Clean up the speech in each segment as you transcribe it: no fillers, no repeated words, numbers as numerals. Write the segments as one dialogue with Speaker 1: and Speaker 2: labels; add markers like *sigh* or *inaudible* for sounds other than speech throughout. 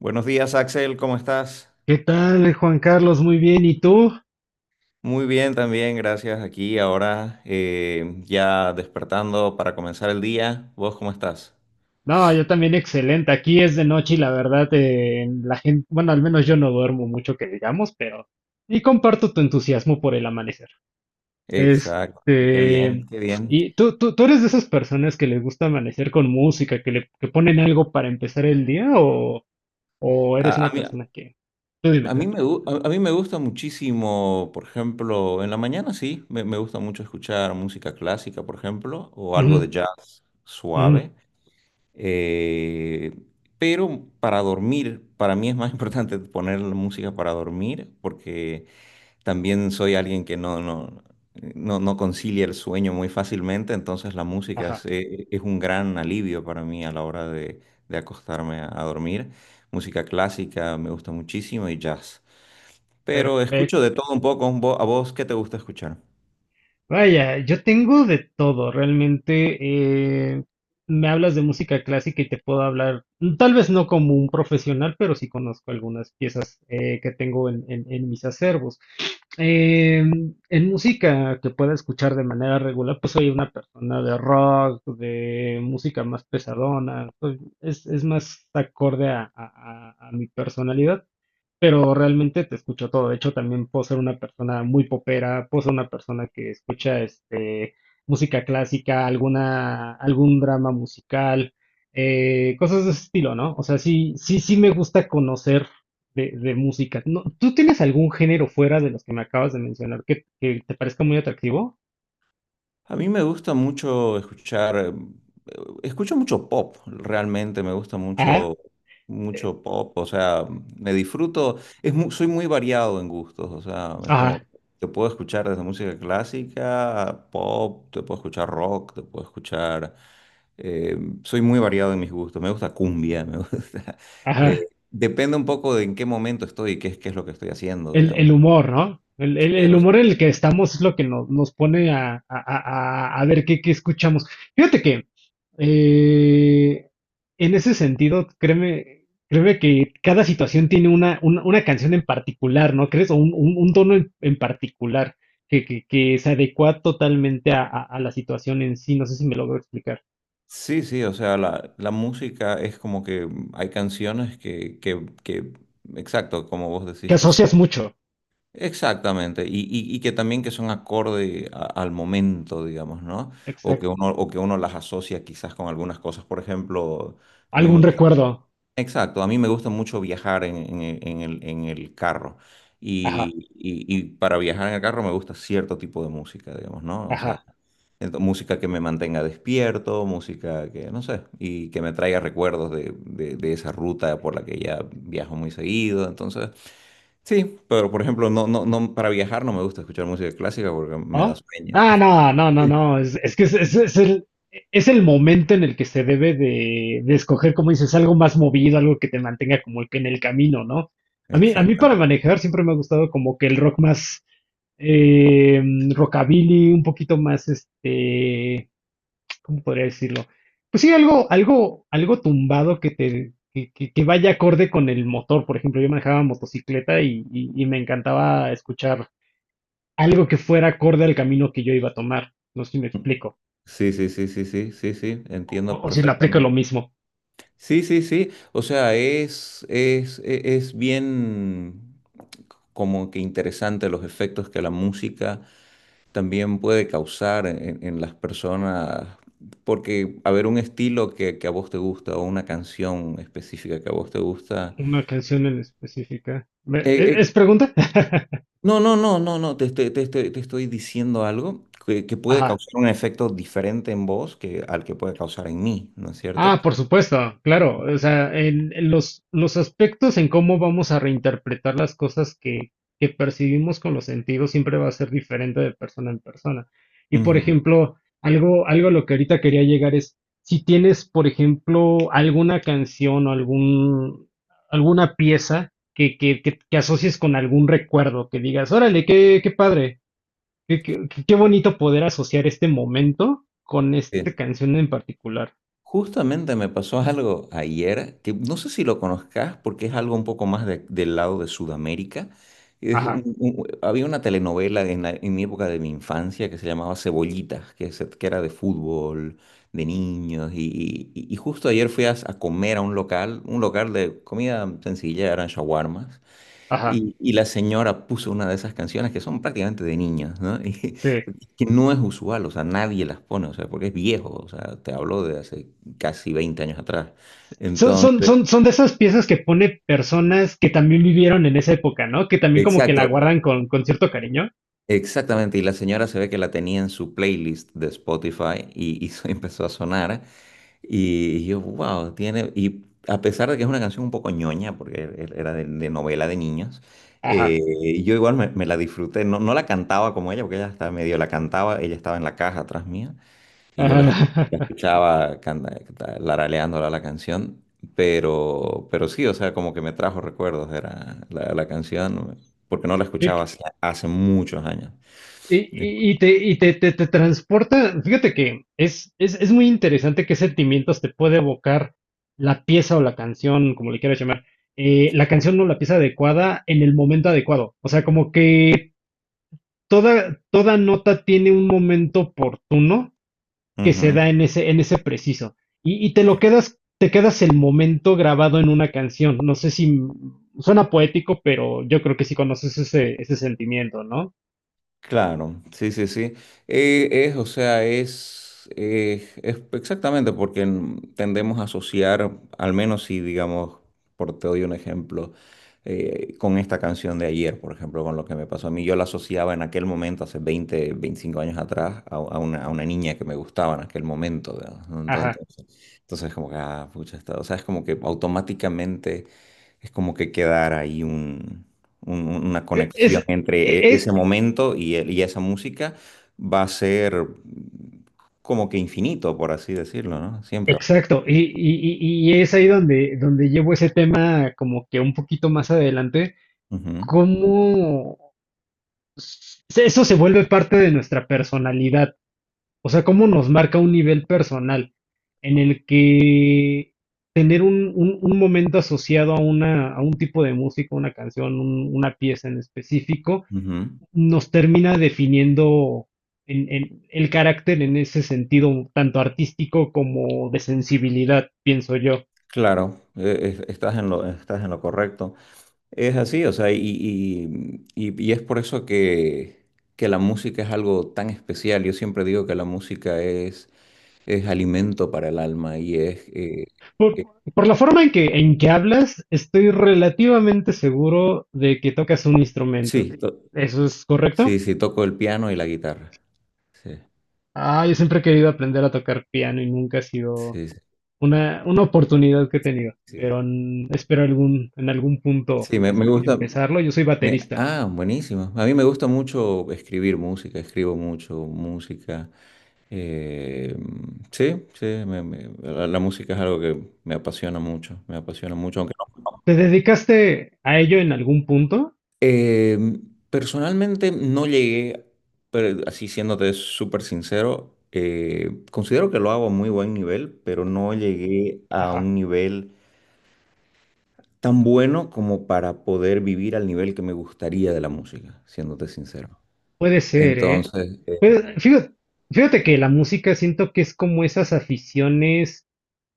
Speaker 1: Buenos días, Axel, ¿cómo estás?
Speaker 2: ¿Qué tal, Juan Carlos? Muy bien, ¿y tú?
Speaker 1: Muy bien, también, gracias. Aquí ahora ya despertando para comenzar el día. ¿Vos cómo estás?
Speaker 2: No, yo también excelente. Aquí es de noche y la verdad, la gente, bueno, al menos yo no duermo mucho que digamos, pero y comparto tu entusiasmo por el amanecer.
Speaker 1: Exacto, y qué bien,
Speaker 2: Este,
Speaker 1: qué bien.
Speaker 2: ¿Y tú eres de esas personas que les gusta amanecer con música, que ponen algo para empezar el día, o eres
Speaker 1: A,
Speaker 2: una
Speaker 1: a mí, a
Speaker 2: persona que...? Tú dime, tú.
Speaker 1: a mí me gusta muchísimo, por ejemplo, en la mañana sí, me gusta mucho escuchar música clásica, por ejemplo, o algo
Speaker 2: Ujú,
Speaker 1: de jazz
Speaker 2: ujú,
Speaker 1: suave. Eh, pero para dormir, para mí es más *laughs* importante poner la música para dormir porque. También soy alguien que no concilia el sueño muy fácilmente, entonces la música es,
Speaker 2: ajá,
Speaker 1: eh, es un gran alivio para mí a la hora de acostarme a dormir. Música clásica me gusta muchísimo y jazz. Pero escucho de
Speaker 2: perfecto.
Speaker 1: todo un poco. ¿A vos qué te gusta escuchar?
Speaker 2: Vaya, yo tengo de todo, realmente. eh, Me hablas de música clásica y te puedo hablar, tal vez no como un profesional, pero sí conozco algunas piezas que tengo en mis acervos. Eh, en música que pueda escuchar de manera regular, pues soy una persona de rock, de música más pesadona, es más acorde a mi personalidad, pero realmente te escucho todo. De hecho, también puedo ser una persona muy popera, puedo ser una persona que escucha música clásica, algún drama musical, cosas de ese estilo, ¿no? O sea, sí, sí, sí me gusta conocer de música. No, ¿tú tienes algún género fuera de los que me acabas de mencionar que te parezca muy atractivo?
Speaker 1: A mí me gusta mucho escuchar, escucho mucho pop, realmente me gusta
Speaker 2: Ajá,
Speaker 1: mucho,
Speaker 2: eh,
Speaker 1: mucho pop, o sea, me disfruto, es soy muy variado en gustos, o sea, es como,
Speaker 2: ajá,
Speaker 1: te puedo escuchar desde música clásica, a pop, te puedo escuchar rock, te puedo eh, soy muy variado en mis gustos, me gusta cumbia, me gusta, *laughs* eh,
Speaker 2: ajá.
Speaker 1: depende un poco de en qué momento estoy y qué es lo que estoy haciendo,
Speaker 2: el,
Speaker 1: digamos.
Speaker 2: el humor, ¿no? El,
Speaker 1: Sí,
Speaker 2: el, el,
Speaker 1: o
Speaker 2: humor en el que estamos es lo que nos pone a ver qué escuchamos. Fíjate que eh, en ese sentido, créeme que cada situación tiene una canción en particular, ¿no crees? O un tono en particular que se adecua totalmente a, a la situación en sí. No sé si me logro explicar.
Speaker 1: Sí, sí, o sea, la música es como que hay canciones que, exacto, como vos
Speaker 2: Que
Speaker 1: decís que son.
Speaker 2: asocias mucho.
Speaker 1: Exactamente, y que también que son acorde al momento, digamos, ¿no? O que
Speaker 2: Exacto.
Speaker 1: uno, o que uno las asocia quizás con algunas cosas. Por ejemplo, a mí me
Speaker 2: Algún recuerdo.
Speaker 1: exacto, a mí me gusta mucho viajar en el carro,
Speaker 2: Ajá,
Speaker 1: y para viajar en el carro me gusta cierto tipo de música, digamos, ¿no? O sea,
Speaker 2: ajá.
Speaker 1: música que me mantenga despierto, música que, no sé, y que me traiga recuerdos de esa ruta por la que ya viajo muy seguido, entonces, sí, pero por ejemplo, no, para viajar no me gusta escuchar música clásica porque me da
Speaker 2: ¿Ah?
Speaker 1: sueño.
Speaker 2: Ah, no, no, no, no.
Speaker 1: *laughs*
Speaker 2: Es que es el momento en el que se debe de escoger, como dices, algo más movido, algo que te mantenga como el pie en el camino, ¿no? A mí para
Speaker 1: Exactamente.
Speaker 2: manejar siempre me ha gustado como que el rock más eh, rockabilly, un poquito más, ¿cómo podría decirlo? Pues sí, algo tumbado que te, que vaya acorde con el motor. Por ejemplo, yo manejaba motocicleta y me encantaba escuchar algo que fuera acorde al camino que yo iba a tomar. No sé si me explico.
Speaker 1: Sí, sí, sí, sí, sí, sí, sí,
Speaker 2: O,
Speaker 1: entiendo
Speaker 2: o si le aplico lo
Speaker 1: perfectamente.
Speaker 2: mismo.
Speaker 1: Sí, sí, sí. O sea, es bien como que interesante los efectos que la música también puede causar en las personas. Porque, a ver, un estilo que a vos te gusta o una canción específica que a vos te gusta.
Speaker 2: Una canción en específica. ¿Es,
Speaker 1: eh,
Speaker 2: es
Speaker 1: eh,
Speaker 2: pregunta? *laughs*
Speaker 1: no, no, no, no, no. Te estoy diciendo algo que puede
Speaker 2: Ajá.
Speaker 1: causar un efecto diferente en vos que al que puede causar en mí, ¿no es cierto?
Speaker 2: Ah, por supuesto, claro. O sea, en los aspectos en cómo vamos a reinterpretar las cosas que percibimos con los sentidos siempre va a ser diferente de persona en persona. Y por
Speaker 1: Ujú,
Speaker 2: ejemplo, algo a lo que ahorita quería llegar es, si tienes, por ejemplo, alguna canción o alguna pieza que asocies con algún recuerdo, que digas, órale, qué padre, qué bonito poder asociar este momento con esta
Speaker 1: sí.
Speaker 2: canción en particular.
Speaker 1: Justamente me pasó algo ayer que no sé si lo conozcas porque es algo un poco más del lado de Sudamérica. Es
Speaker 2: Ajá.
Speaker 1: un- un- había una telenovela en mi época de mi infancia que se llamaba Cebollitas, que era de fútbol, de niños. Y justo ayer fui a comer a un local de comida sencilla, eran shawarmas.
Speaker 2: Ajá.
Speaker 1: Y la señora puso una de esas canciones que son prácticamente de niñas, ¿no? *laughs* Y
Speaker 2: Sí.
Speaker 1: que no es usual, o sea, nadie las pone, o sea, porque es viejo, o sea, te hablo de hace casi 20 años atrás.
Speaker 2: Son, son,
Speaker 1: Entonces,
Speaker 2: son, son de esas piezas que pone personas que también vivieron en esa época, ¿no? Que también como que la
Speaker 1: exacto,
Speaker 2: guardan con cierto cariño.
Speaker 1: exactamente. Y la señora se ve que la tenía en su playlist de Spotify y *laughs* empezó a sonar. Y yo, wow, tiene. Y a pesar de que es una canción un poco ñoña, porque era de novela de niños,
Speaker 2: Ajá.
Speaker 1: eh, yo igual me la disfruté. No, no la cantaba como ella, porque ella estaba medio la cantaba, ella estaba en la caja atrás mía, y yo la, escu-
Speaker 2: Ajá.
Speaker 1: la
Speaker 2: *laughs*
Speaker 1: escuchaba laraleándola la canción. Pero sí, o sea, como que me trajo recuerdos, era la canción, porque no la escuchaba hace muchos años.
Speaker 2: Y te transporta. Fíjate que es muy interesante qué sentimientos te puede evocar la pieza o la canción, como le quieras llamar, la canción o la pieza adecuada en el momento adecuado. O sea, como que toda nota tiene un momento oportuno que se
Speaker 1: Ujú,
Speaker 2: da en ese preciso. Y te lo quedas, te quedas el momento grabado en una canción. No sé si suena poético, pero yo creo que sí conoces ese sentimiento, ¿no?
Speaker 1: claro, sí, sí, sí. Es, o sea, es exactamente porque tendemos a asociar, al menos si, digamos, por te doy un ejemplo, con esta canción de ayer, por ejemplo, con lo que me pasó a mí, yo la asociaba en aquel momento, hace 20, 25 años atrás, a una niña que me gustaba en aquel momento, ¿verdad? Entonces,
Speaker 2: Ajá.
Speaker 1: entonces como que, ah, pucha, o sea, es como que automáticamente es como que quedar ahí una
Speaker 2: E, Es,
Speaker 1: conexión
Speaker 2: e,
Speaker 1: entre
Speaker 2: es,
Speaker 1: ese momento y esa música va a ser como que infinito, por así decirlo, ¿no? Siempre.
Speaker 2: exacto, y es ahí donde llevo ese tema como que un poquito más adelante,
Speaker 1: Ujú,
Speaker 2: cómo eso se vuelve parte de nuestra personalidad. O sea, cómo nos marca un nivel personal en el que tener un momento asociado a a un tipo de música, una canción, una pieza en específico,
Speaker 1: ujú.
Speaker 2: nos termina definiendo en el carácter en ese sentido, tanto artístico como de sensibilidad, pienso yo.
Speaker 1: Claro, estás en lo correcto. Es así, o sea, y es por eso que la música es algo tan especial. Yo siempre digo que la música es alimento para el alma y es...
Speaker 2: Por,
Speaker 1: eh,
Speaker 2: por la forma en que hablas, estoy relativamente seguro de que tocas un instrumento.
Speaker 1: sí,
Speaker 2: ¿Eso es correcto?
Speaker 1: sí, sí, toco el piano y la guitarra. Sí,
Speaker 2: Ah, yo siempre he querido aprender a tocar piano y nunca ha sido
Speaker 1: sí, sí.
Speaker 2: una oportunidad que he tenido,
Speaker 1: Sí,
Speaker 2: pero espero en algún punto
Speaker 1: sí, me gusta.
Speaker 2: empezarlo. Yo soy
Speaker 1: me-
Speaker 2: baterista.
Speaker 1: ah, buenísimo. A mí me gusta mucho escribir música, escribo mucho música. Eh, sí, sí, la música es algo que me apasiona mucho, aunque no.
Speaker 2: ¿Te dedicaste a ello en algún punto?
Speaker 1: Eh, Personalmente no llegué, pero así siéndote súper sincero, considero que lo hago a muy buen nivel, pero no llegué a
Speaker 2: Ajá,
Speaker 1: un nivel tan bueno como para poder vivir al nivel que me gustaría de la música, siéndote sincero.
Speaker 2: puede ser, ¿eh?
Speaker 1: Entonces,
Speaker 2: Pues, fíjate que la música siento que es como esas aficiones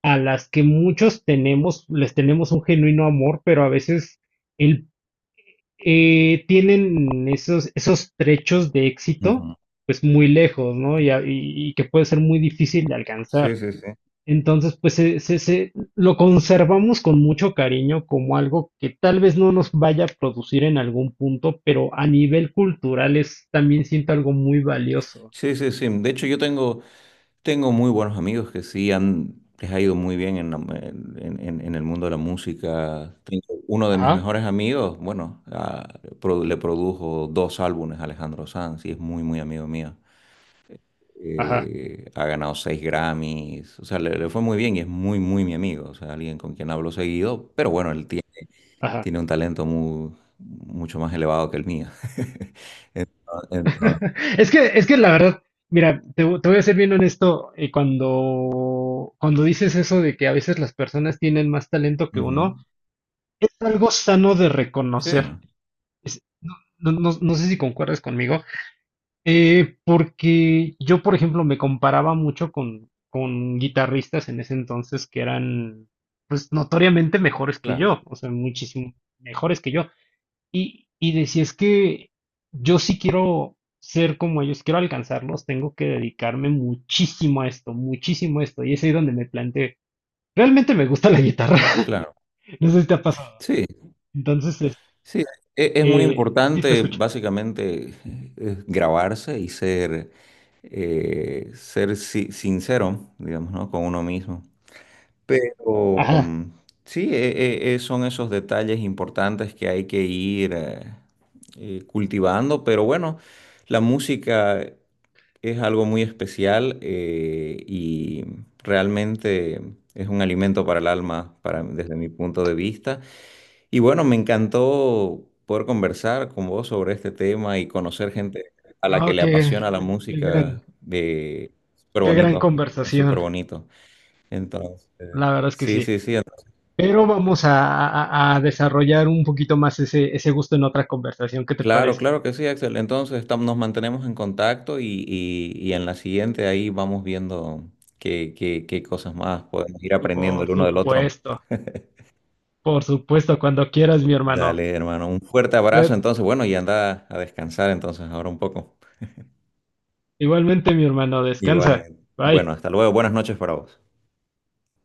Speaker 2: a las que muchos tenemos, les tenemos un genuino amor, pero a veces el tienen esos trechos de éxito,
Speaker 1: ujú.
Speaker 2: pues muy lejos, ¿no? Y que puede ser muy difícil de alcanzar.
Speaker 1: Sí, sí, sí.
Speaker 2: Entonces, pues lo conservamos con mucho cariño como algo que tal vez no nos vaya a producir en algún punto, pero a nivel cultural es también siento algo muy valioso.
Speaker 1: Sí, sí, sí. De hecho, yo tengo, muy buenos amigos que sí les ha ido muy bien en el mundo de la música. Tengo uno de mis
Speaker 2: Ajá,
Speaker 1: mejores amigos, bueno, le produjo dos álbumes a Alejandro Sanz y es muy, muy amigo mío.
Speaker 2: ajá,
Speaker 1: Ha ganado seis Grammys, o sea, le fue muy bien y es muy, muy mi amigo, o sea, alguien con quien hablo seguido, pero bueno, el tiempo
Speaker 2: ajá.
Speaker 1: tiene un talento mucho más elevado que el mío. *laughs* Entonces,
Speaker 2: *laughs* Es que la verdad, mira, te voy a ser bien honesto, cuando dices eso de que a veces las personas tienen más talento que
Speaker 1: ujú.
Speaker 2: uno, algo sano de
Speaker 1: Sí,
Speaker 2: reconocer. No sé si concuerdas conmigo, porque yo, por ejemplo, me comparaba mucho con guitarristas en ese entonces que eran, pues, notoriamente mejores que
Speaker 1: claro,
Speaker 2: yo, o sea, muchísimo mejores que yo. Y decía, es que yo sí quiero ser como ellos, quiero alcanzarlos, tengo que dedicarme muchísimo a esto, muchísimo a esto. Y es ahí donde me planteé, realmente me gusta la guitarra. *laughs*
Speaker 1: claro.
Speaker 2: No sé si te ha pasado.
Speaker 1: Sí,
Speaker 2: Entonces,
Speaker 1: sí, es, muy
Speaker 2: sí, te
Speaker 1: importante
Speaker 2: escucho.
Speaker 1: básicamente grabarse y ser sincero, digamos, ¿no? Con uno mismo. Pero
Speaker 2: Ajá,
Speaker 1: sí, son esos detalles importantes que hay que ir cultivando, pero bueno, la música. Es algo muy especial, y realmente es un alimento para el alma, para, desde mi punto de vista. Y bueno, me encantó poder conversar con vos sobre este tema y conocer gente a la que
Speaker 2: no,
Speaker 1: le apasiona
Speaker 2: qué,
Speaker 1: la
Speaker 2: qué
Speaker 1: música.
Speaker 2: gran,
Speaker 1: De. Súper
Speaker 2: qué gran
Speaker 1: bonito, es súper
Speaker 2: conversación,
Speaker 1: bonito. Entonces,
Speaker 2: la verdad es que
Speaker 1: sí,
Speaker 2: sí.
Speaker 1: sí, sí.
Speaker 2: Pero vamos a, a desarrollar un poquito más ese gusto en otra conversación, ¿qué te
Speaker 1: Claro,
Speaker 2: parece?
Speaker 1: claro que sí, Axel. Entonces, nos mantenemos en contacto y en la siguiente ahí vamos viendo qué cosas más podemos ir aprendiendo
Speaker 2: Por
Speaker 1: el uno del otro.
Speaker 2: supuesto, por supuesto, cuando quieras, mi hermano.
Speaker 1: Dale, hermano. Un fuerte abrazo
Speaker 2: Eh,
Speaker 1: entonces. Bueno, y anda a descansar entonces ahora un poco.
Speaker 2: Igualmente, mi hermano, descansa.
Speaker 1: Igualmente. Bueno,
Speaker 2: Bye.
Speaker 1: hasta luego. Buenas noches para vos.